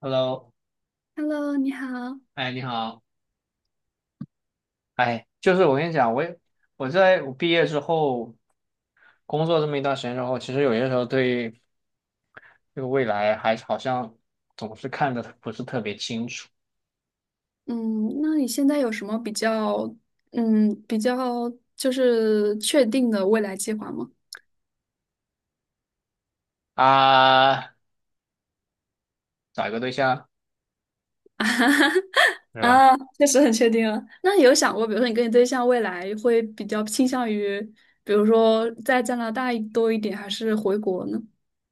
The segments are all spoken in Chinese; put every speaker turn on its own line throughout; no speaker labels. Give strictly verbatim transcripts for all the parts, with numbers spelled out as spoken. Hello，
Hello，你好。
哎，你好，哎，就是我跟你讲，我也我在我毕业之后工作这么一段时间之后，其实有些时候对这个未来还是好像总是看的不是特别清楚。
嗯，那你现在有什么比较，嗯，比较就是确定的未来计划吗？
啊，找一个对象是吧？
啊，确实很确定啊。那你有想过，比如说你跟你对象未来会比较倾向于，比如说在加拿大多一点，还是回国呢？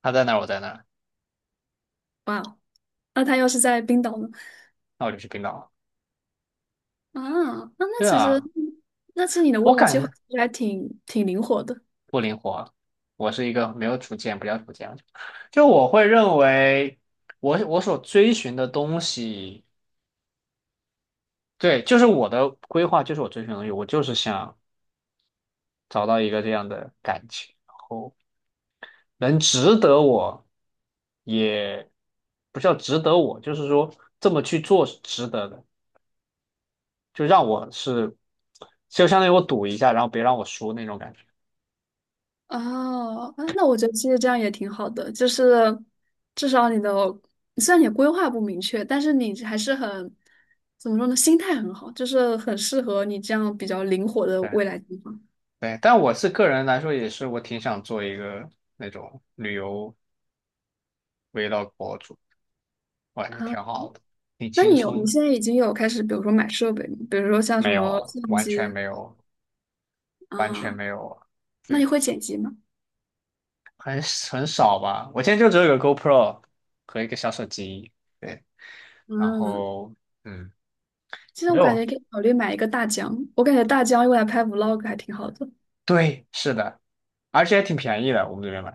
他在哪儿我在哪儿。
哇哦，那他要是在冰岛呢？
那我就去冰岛了。
啊，那那
对
其实，
啊，
那其实你的
我
未来
感
计划
觉
其实还挺挺灵活的。
不灵活，我是一个没有主见，不叫主见，就我会认为我我所追寻的东西。对，就是我的规划，就是我追寻的东西，我就是想。找到一个这样的感情，然后能值得我，也不叫值得我，就是说这么去做是值得的，就让我是，就相当于我赌一下，然后别让我输那种感觉。
哦，啊，那我觉得其实这样也挺好的，就是至少你的虽然你规划不明确，但是你还是很怎么说呢，心态很好，就是很适合你这样比较灵活的
对
未来计划。
对，但我是个人来说，也是我挺想做一个那种旅游 vlog 博主，我感觉
啊，
挺好的，挺
那
轻
你有
松
你
的。
现在已经有开始，比如说买设备吗？比如说像什
没
么
有，
相
完
机。
全没有，完全
啊，
没有。
那
对。
你会剪辑吗？
很很少吧。我现在就只有一个 GoPro 和一个小手机。对，然
嗯，
后嗯，
其实
没
我感
有。
觉可以考虑买一个大疆，我感觉大疆用来拍 vlog 还挺好的。
对，是的，而且还挺便宜的，我们这边买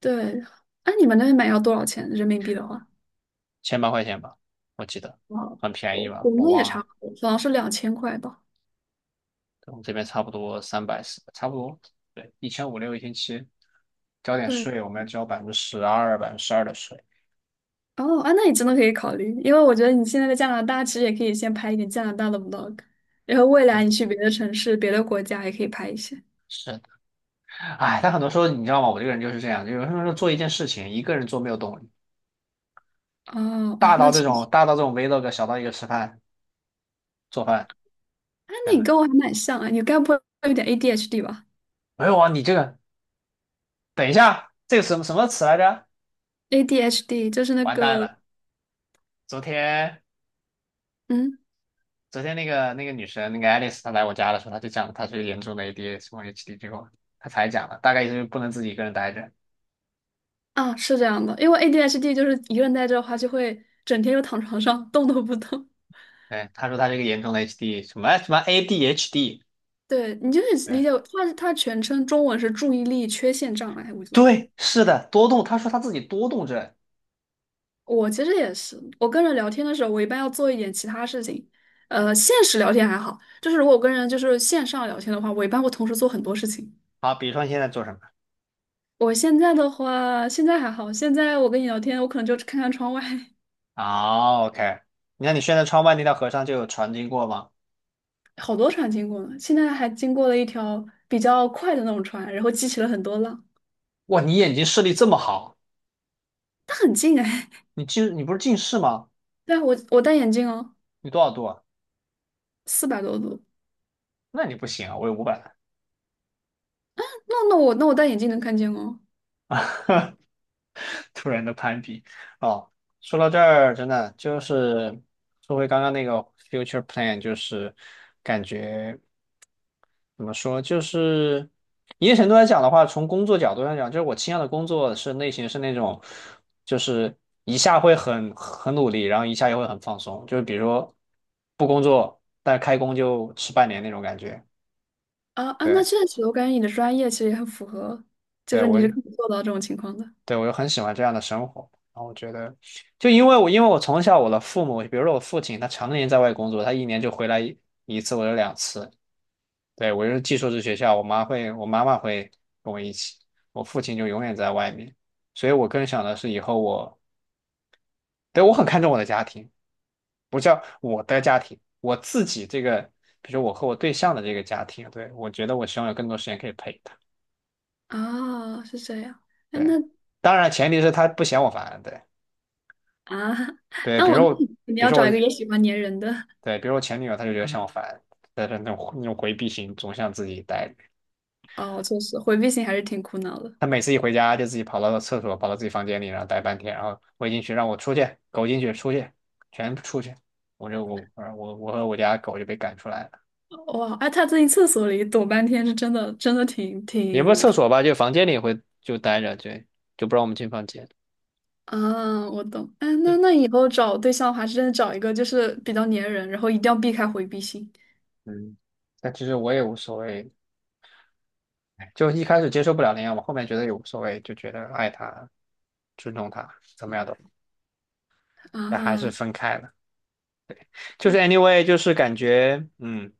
对，哎、你们那边买要多少钱人民币的话？
千八块钱吧，我记得，很便
我
宜
国
吧，我
内也
忘
差
了。
不多，好像是两千块吧。
对，我们这边差不多三百四，差不多，对，一千五六一千七，交点
对，
税，我们要交百分之十二、百分之十二的税。
哦，啊，那你真的可以考虑，因为我觉得你现在在加拿大，其实也可以先拍一点加拿大的 vlog，然后未来
嗯，
你去别的城市、别的国家也可以拍一些。
是的。哎，但很多时候你知道吗？我这个人就是这样，就有时候做一件事情，一个人做没有动力，
哦，啊，
大到
那其
这种
实，
大到这种 vlog，小到一个吃饭做饭。
啊，那
等
你
等。
跟我还蛮像啊，你该不会有点 A D H D 吧
没有啊，你这个等一下，这个什么什么词来着？
？A D H D 就是那
完蛋
个，
了！昨天
嗯，
昨天那个那个女生那个 a 丽 i 她来我家的时候，她就讲她是严重的 A D H D 或 H D 之后，她才讲了，大概意思就是不能自己一个人待着。
啊，是这样的，因为 A D H D 就是一个人待着的话，就会整天就躺床上动都不动。
对，她说她是一个严重的 H D 什么什么 A D H D。
对，你就是理
对
解为，它它全称中文是注意力缺陷障碍，我觉得。
对，是的，多动。她说她自己多动症。
我其实也是，我跟人聊天的时候，我一般要做一点其他事情。呃，现实聊天还好，就是如果我跟人就是线上聊天的话，我一般会同时做很多事情。
好，比如说你现在做什么？
我现在的话，现在还好，现在我跟你聊天，我可能就看看窗外。
哦，OK，你看你现在窗外那条河上就有船经过吗？
好多船经过呢。现在还经过了一条比较快的那种船，然后激起了很多浪，
哇，你眼睛视力这么好。
它很近哎。
你近你不是近视吗？
对啊，我我戴眼镜哦，
你多少度啊？
四百多度。
那你不行啊，我有五百万。
那那我那我戴眼镜能看见哦。
突然的攀比哦。说到这儿，真的就是说回刚刚那个 future plan，就是感觉怎么说，就是一定程度来讲的话，从工作角度上讲，就是我倾向的工作是类型是那种，就是一下会很很努力，然后一下又会很放松，就是比如说不工作，但是开工就吃半年那种感觉。
啊啊，那
对，
确实，我感觉你的专业其实也很符合，就
对，
是你
我就。
是可以做到这种情况的。
对，我就很喜欢这样的生活。然后我觉得，就因为我因为我从小我的父母，比如说我父亲，他常年在外工作，他一年就回来一一次或者两次。对，我就是寄宿制学校，我妈会，我妈妈会跟我一起，我父亲就永远在外面。所以我更想的是以后我，对，我很看重我的家庭，不叫我的家庭，我自己这个，比如说我和我对象的这个家庭。对，我觉得我希望有更多时间可以陪他。
哦，是这样。哎，那
对，当然前提是他不嫌我烦。对，
啊，
对，
那
比如
我那
说我，
你你
比如
要
说
找一个
我
也喜欢粘人的。
对，比如我前女友，她就觉得像我烦，但是那种那种回避型，总想自己待着。
哦，确实回避型还是挺苦恼的。
她每次一回家就自己跑到厕所，跑到自己房间里，然后待半天，然后我进去让我出去，狗进去出去，全部出去。我就我我我和我家狗就被赶出来了，
哇，哎，他在厕所里躲半天，是真的，真的挺
也不是
挺
厕所吧，就房间里会就待着。对，就不让我们进房间。
啊，我懂。哎，那那以后找对象的话，真的找一个就是比较粘人，然后一定要避开回避型。
嗯，但其实我也无所谓，就一开始接受不了那样我后面觉得也无所谓，就觉得爱他、尊重他，怎么样都，但还是
啊。
分开了。就是 anyway，就是感觉嗯。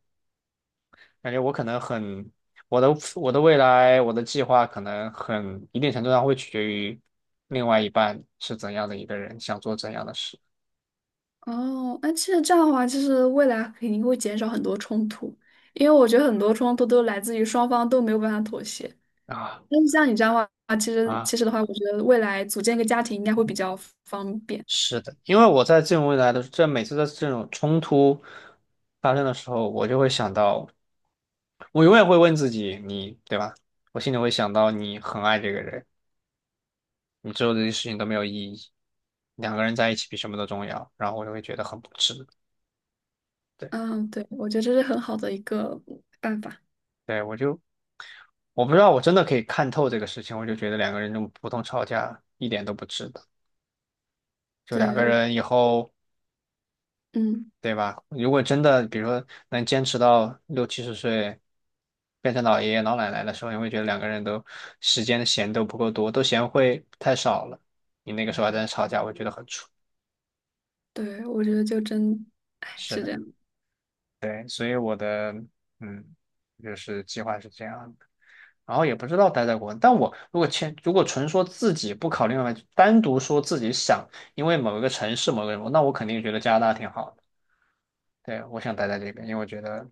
感觉我可能很，我的我的未来，我的计划可能很一定程度上会取决于另外一半是怎样的一个人，想做怎样的事。
哦，那其实这样的话，就是未来肯定会减少很多冲突，因为我觉得很多冲突都来自于双方都没有办法妥协。
啊
但是像你这样的话，其实
啊，
其实的话，我觉得未来组建一个家庭应该会比较方便。
是的，因为我在这种未来的这每次的这种冲突发生的时候，我就会想到，我永远会问自己，你对吧？我心里会想到你很爱这个人，你做的这些事情都没有意义，两个人在一起比什么都重要，然后我就会觉得很不值。对，
嗯，对，我觉得这是很好的一个办法。
对，我就我不知道，我真的可以看透这个事情，我就觉得两个人这么普通吵架一点都不值得。就两
对，
个
我，
人以后，
嗯，
对吧？如果真的，比如说能坚持到六七十岁，变成老爷爷老奶奶的时候，你会觉得两个人都时间闲都不够多，都嫌会太少了。你那个时候还在那吵架，我觉得很蠢。
对，我觉得就真，哎，
是
是
的，
这样。
嗯，就是计划是这样的。然后也不知道待在国内。但我如果签，如果纯说自己不考虑外卖，单独说自己想，因为某一个城市、某个人，那我肯定觉得加拿大挺好的。对，我想待在这边，因为我觉得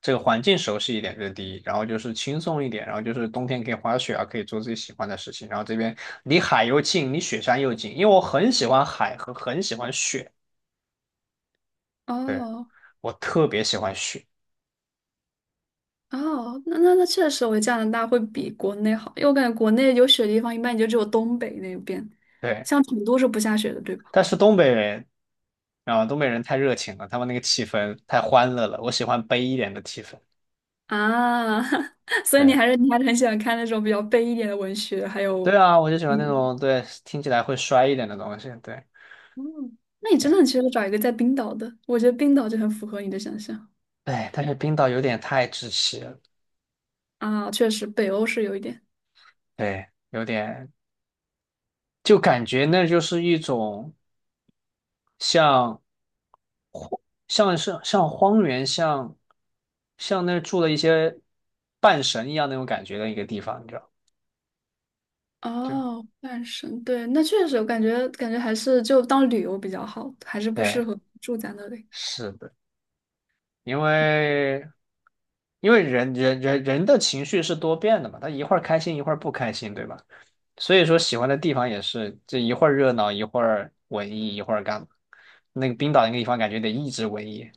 这个环境熟悉一点，这是第一，然后就是轻松一点，然后就是冬天可以滑雪啊，可以做自己喜欢的事情，然后这边离海又近，离雪山又近，因为我很喜欢海和很喜欢雪。对，
哦，
我特别喜欢雪。
哦，那那那确实，我觉得加拿大会比国内好，因为我感觉国内有雪的地方一般也就只有东北那边，
对，
像成都是不下雪的，对吧？
但是东北人。啊，东北人太热情了，他们那个气氛太欢乐了，我喜欢悲一点的气氛。
啊，所以你还
对
是你还是很喜欢看那种比较悲一点的文学，还
对
有，
啊，我就喜欢那
嗯，
种，对，听起来会衰一点的东西。对
嗯，那你真的
对
很适合找一个在冰岛的，我觉得冰岛就很符合你的想象。
对，但是冰岛有点太窒息了。
啊，确实北欧是有一点。
对，有点就感觉那就是一种像像是像荒原，像像那住了一些半神一样那种感觉的一个地方，你知道？就
哦，半神，对，那确实，我感觉感觉还是就当旅游比较好，还是不适
对，
合住在那里。
是的，因为。因为人人人人的情绪是多变的嘛，他一会儿开心一会儿不开心，对吧？所以说喜欢的地方也是，这一会儿热闹，一会儿文艺，一会儿干嘛？那个冰岛那个地方感觉得一直文艺。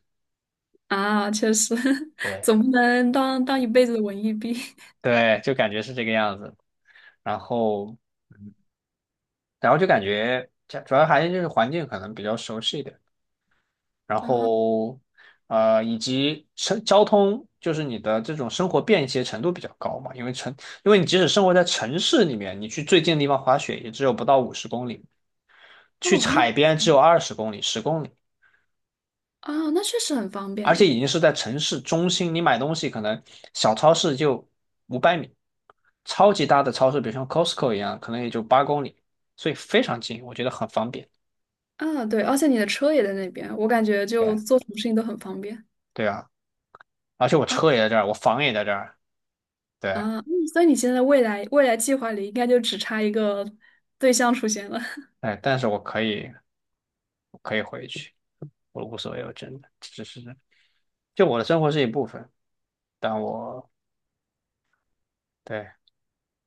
啊，确实，
对，
总不能当当一辈子的文艺兵。
对，就感觉是这个样子。然后，然后就感觉主主要还是就是环境可能比较熟悉一点，然
啊。
后呃以及城交通，就是你的这种生活便捷程度比较高嘛，因为城，因为你即使生活在城市里面，你去最近的地方滑雪也只有不到五十公里，去
哦，那
海边只有二十公里、十公里。
啊，那确实很方便
而且
呢。
已经是在城市中心，你买东西可能小超市就五百米，超级大的超市，比如像 Costco 一样，可能也就八公里，所以非常近，我觉得很方便。
啊，对，而且你的车也在那边，我感觉就
对
做什么事情都很方便。
对啊，而且我
啊
车也在这儿，我房也在这儿。对，
啊，嗯所以你现在未来未来计划里应该就只差一个对象出现了。
哎，但是我可以，我可以回去，我无所谓，我真的只是就我的生活是一部分，但我对，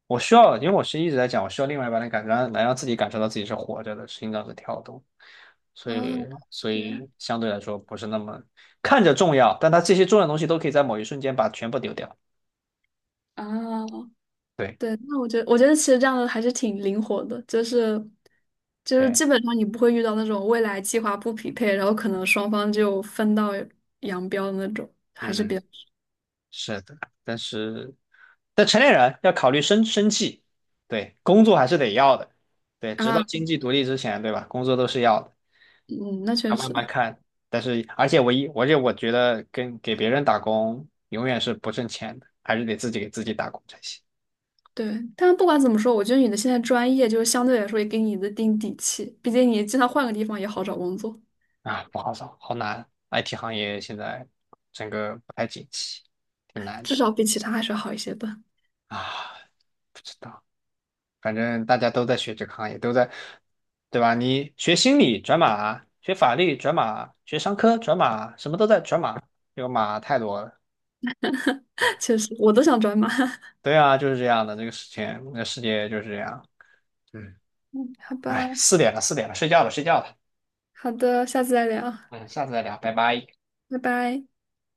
我需要，因为我是一直在讲，我需要另外一半的感、觉，来让自己感受到自己是活着的，心脏是跳动，所以
哦，
所
对，样
以相对来说不是那么看着重要，但它这些重要的东西都可以在某一瞬间把全部丢掉。
啊，
对
对，那我觉得，我觉得其实这样的还是挺灵活的，就是就是
对，
基本上你不会遇到那种未来计划不匹配，然后可能双方就分道扬镳的那种，还是
嗯，
比较。
是的，但是但成年人要考虑生生气，对，工作还是得要的，对，直到
啊，
经济独立之前，对吧？工作都是要的。
嗯，那确
要慢
实
慢看。但是，而且我一，而且我觉得跟给别人打工永远是不挣钱的，还是得自己给自己打工才行。
对。但不管怎么说，我觉得你的现在专业就是相对来说也给你的定底气，毕竟你经常换个地方也好找工作，
啊，不好找，好难。I T 行业现在整个不太景气，挺难
至
的。
少比其他还是好一些的。
啊，不知道，反正大家都在学这个行业，都在，对吧？你学心理转码，学法律转码，学商科转码，什么都在转码，这个码太多了。
确实，我都想转码。
对啊，就是这样的，这个事情，这个世界就是这样。嗯，
好吧，
哎，四点了，四点了，睡觉了，睡觉了。
好的，下次再聊，
嗯，下次再聊，拜拜。
拜拜。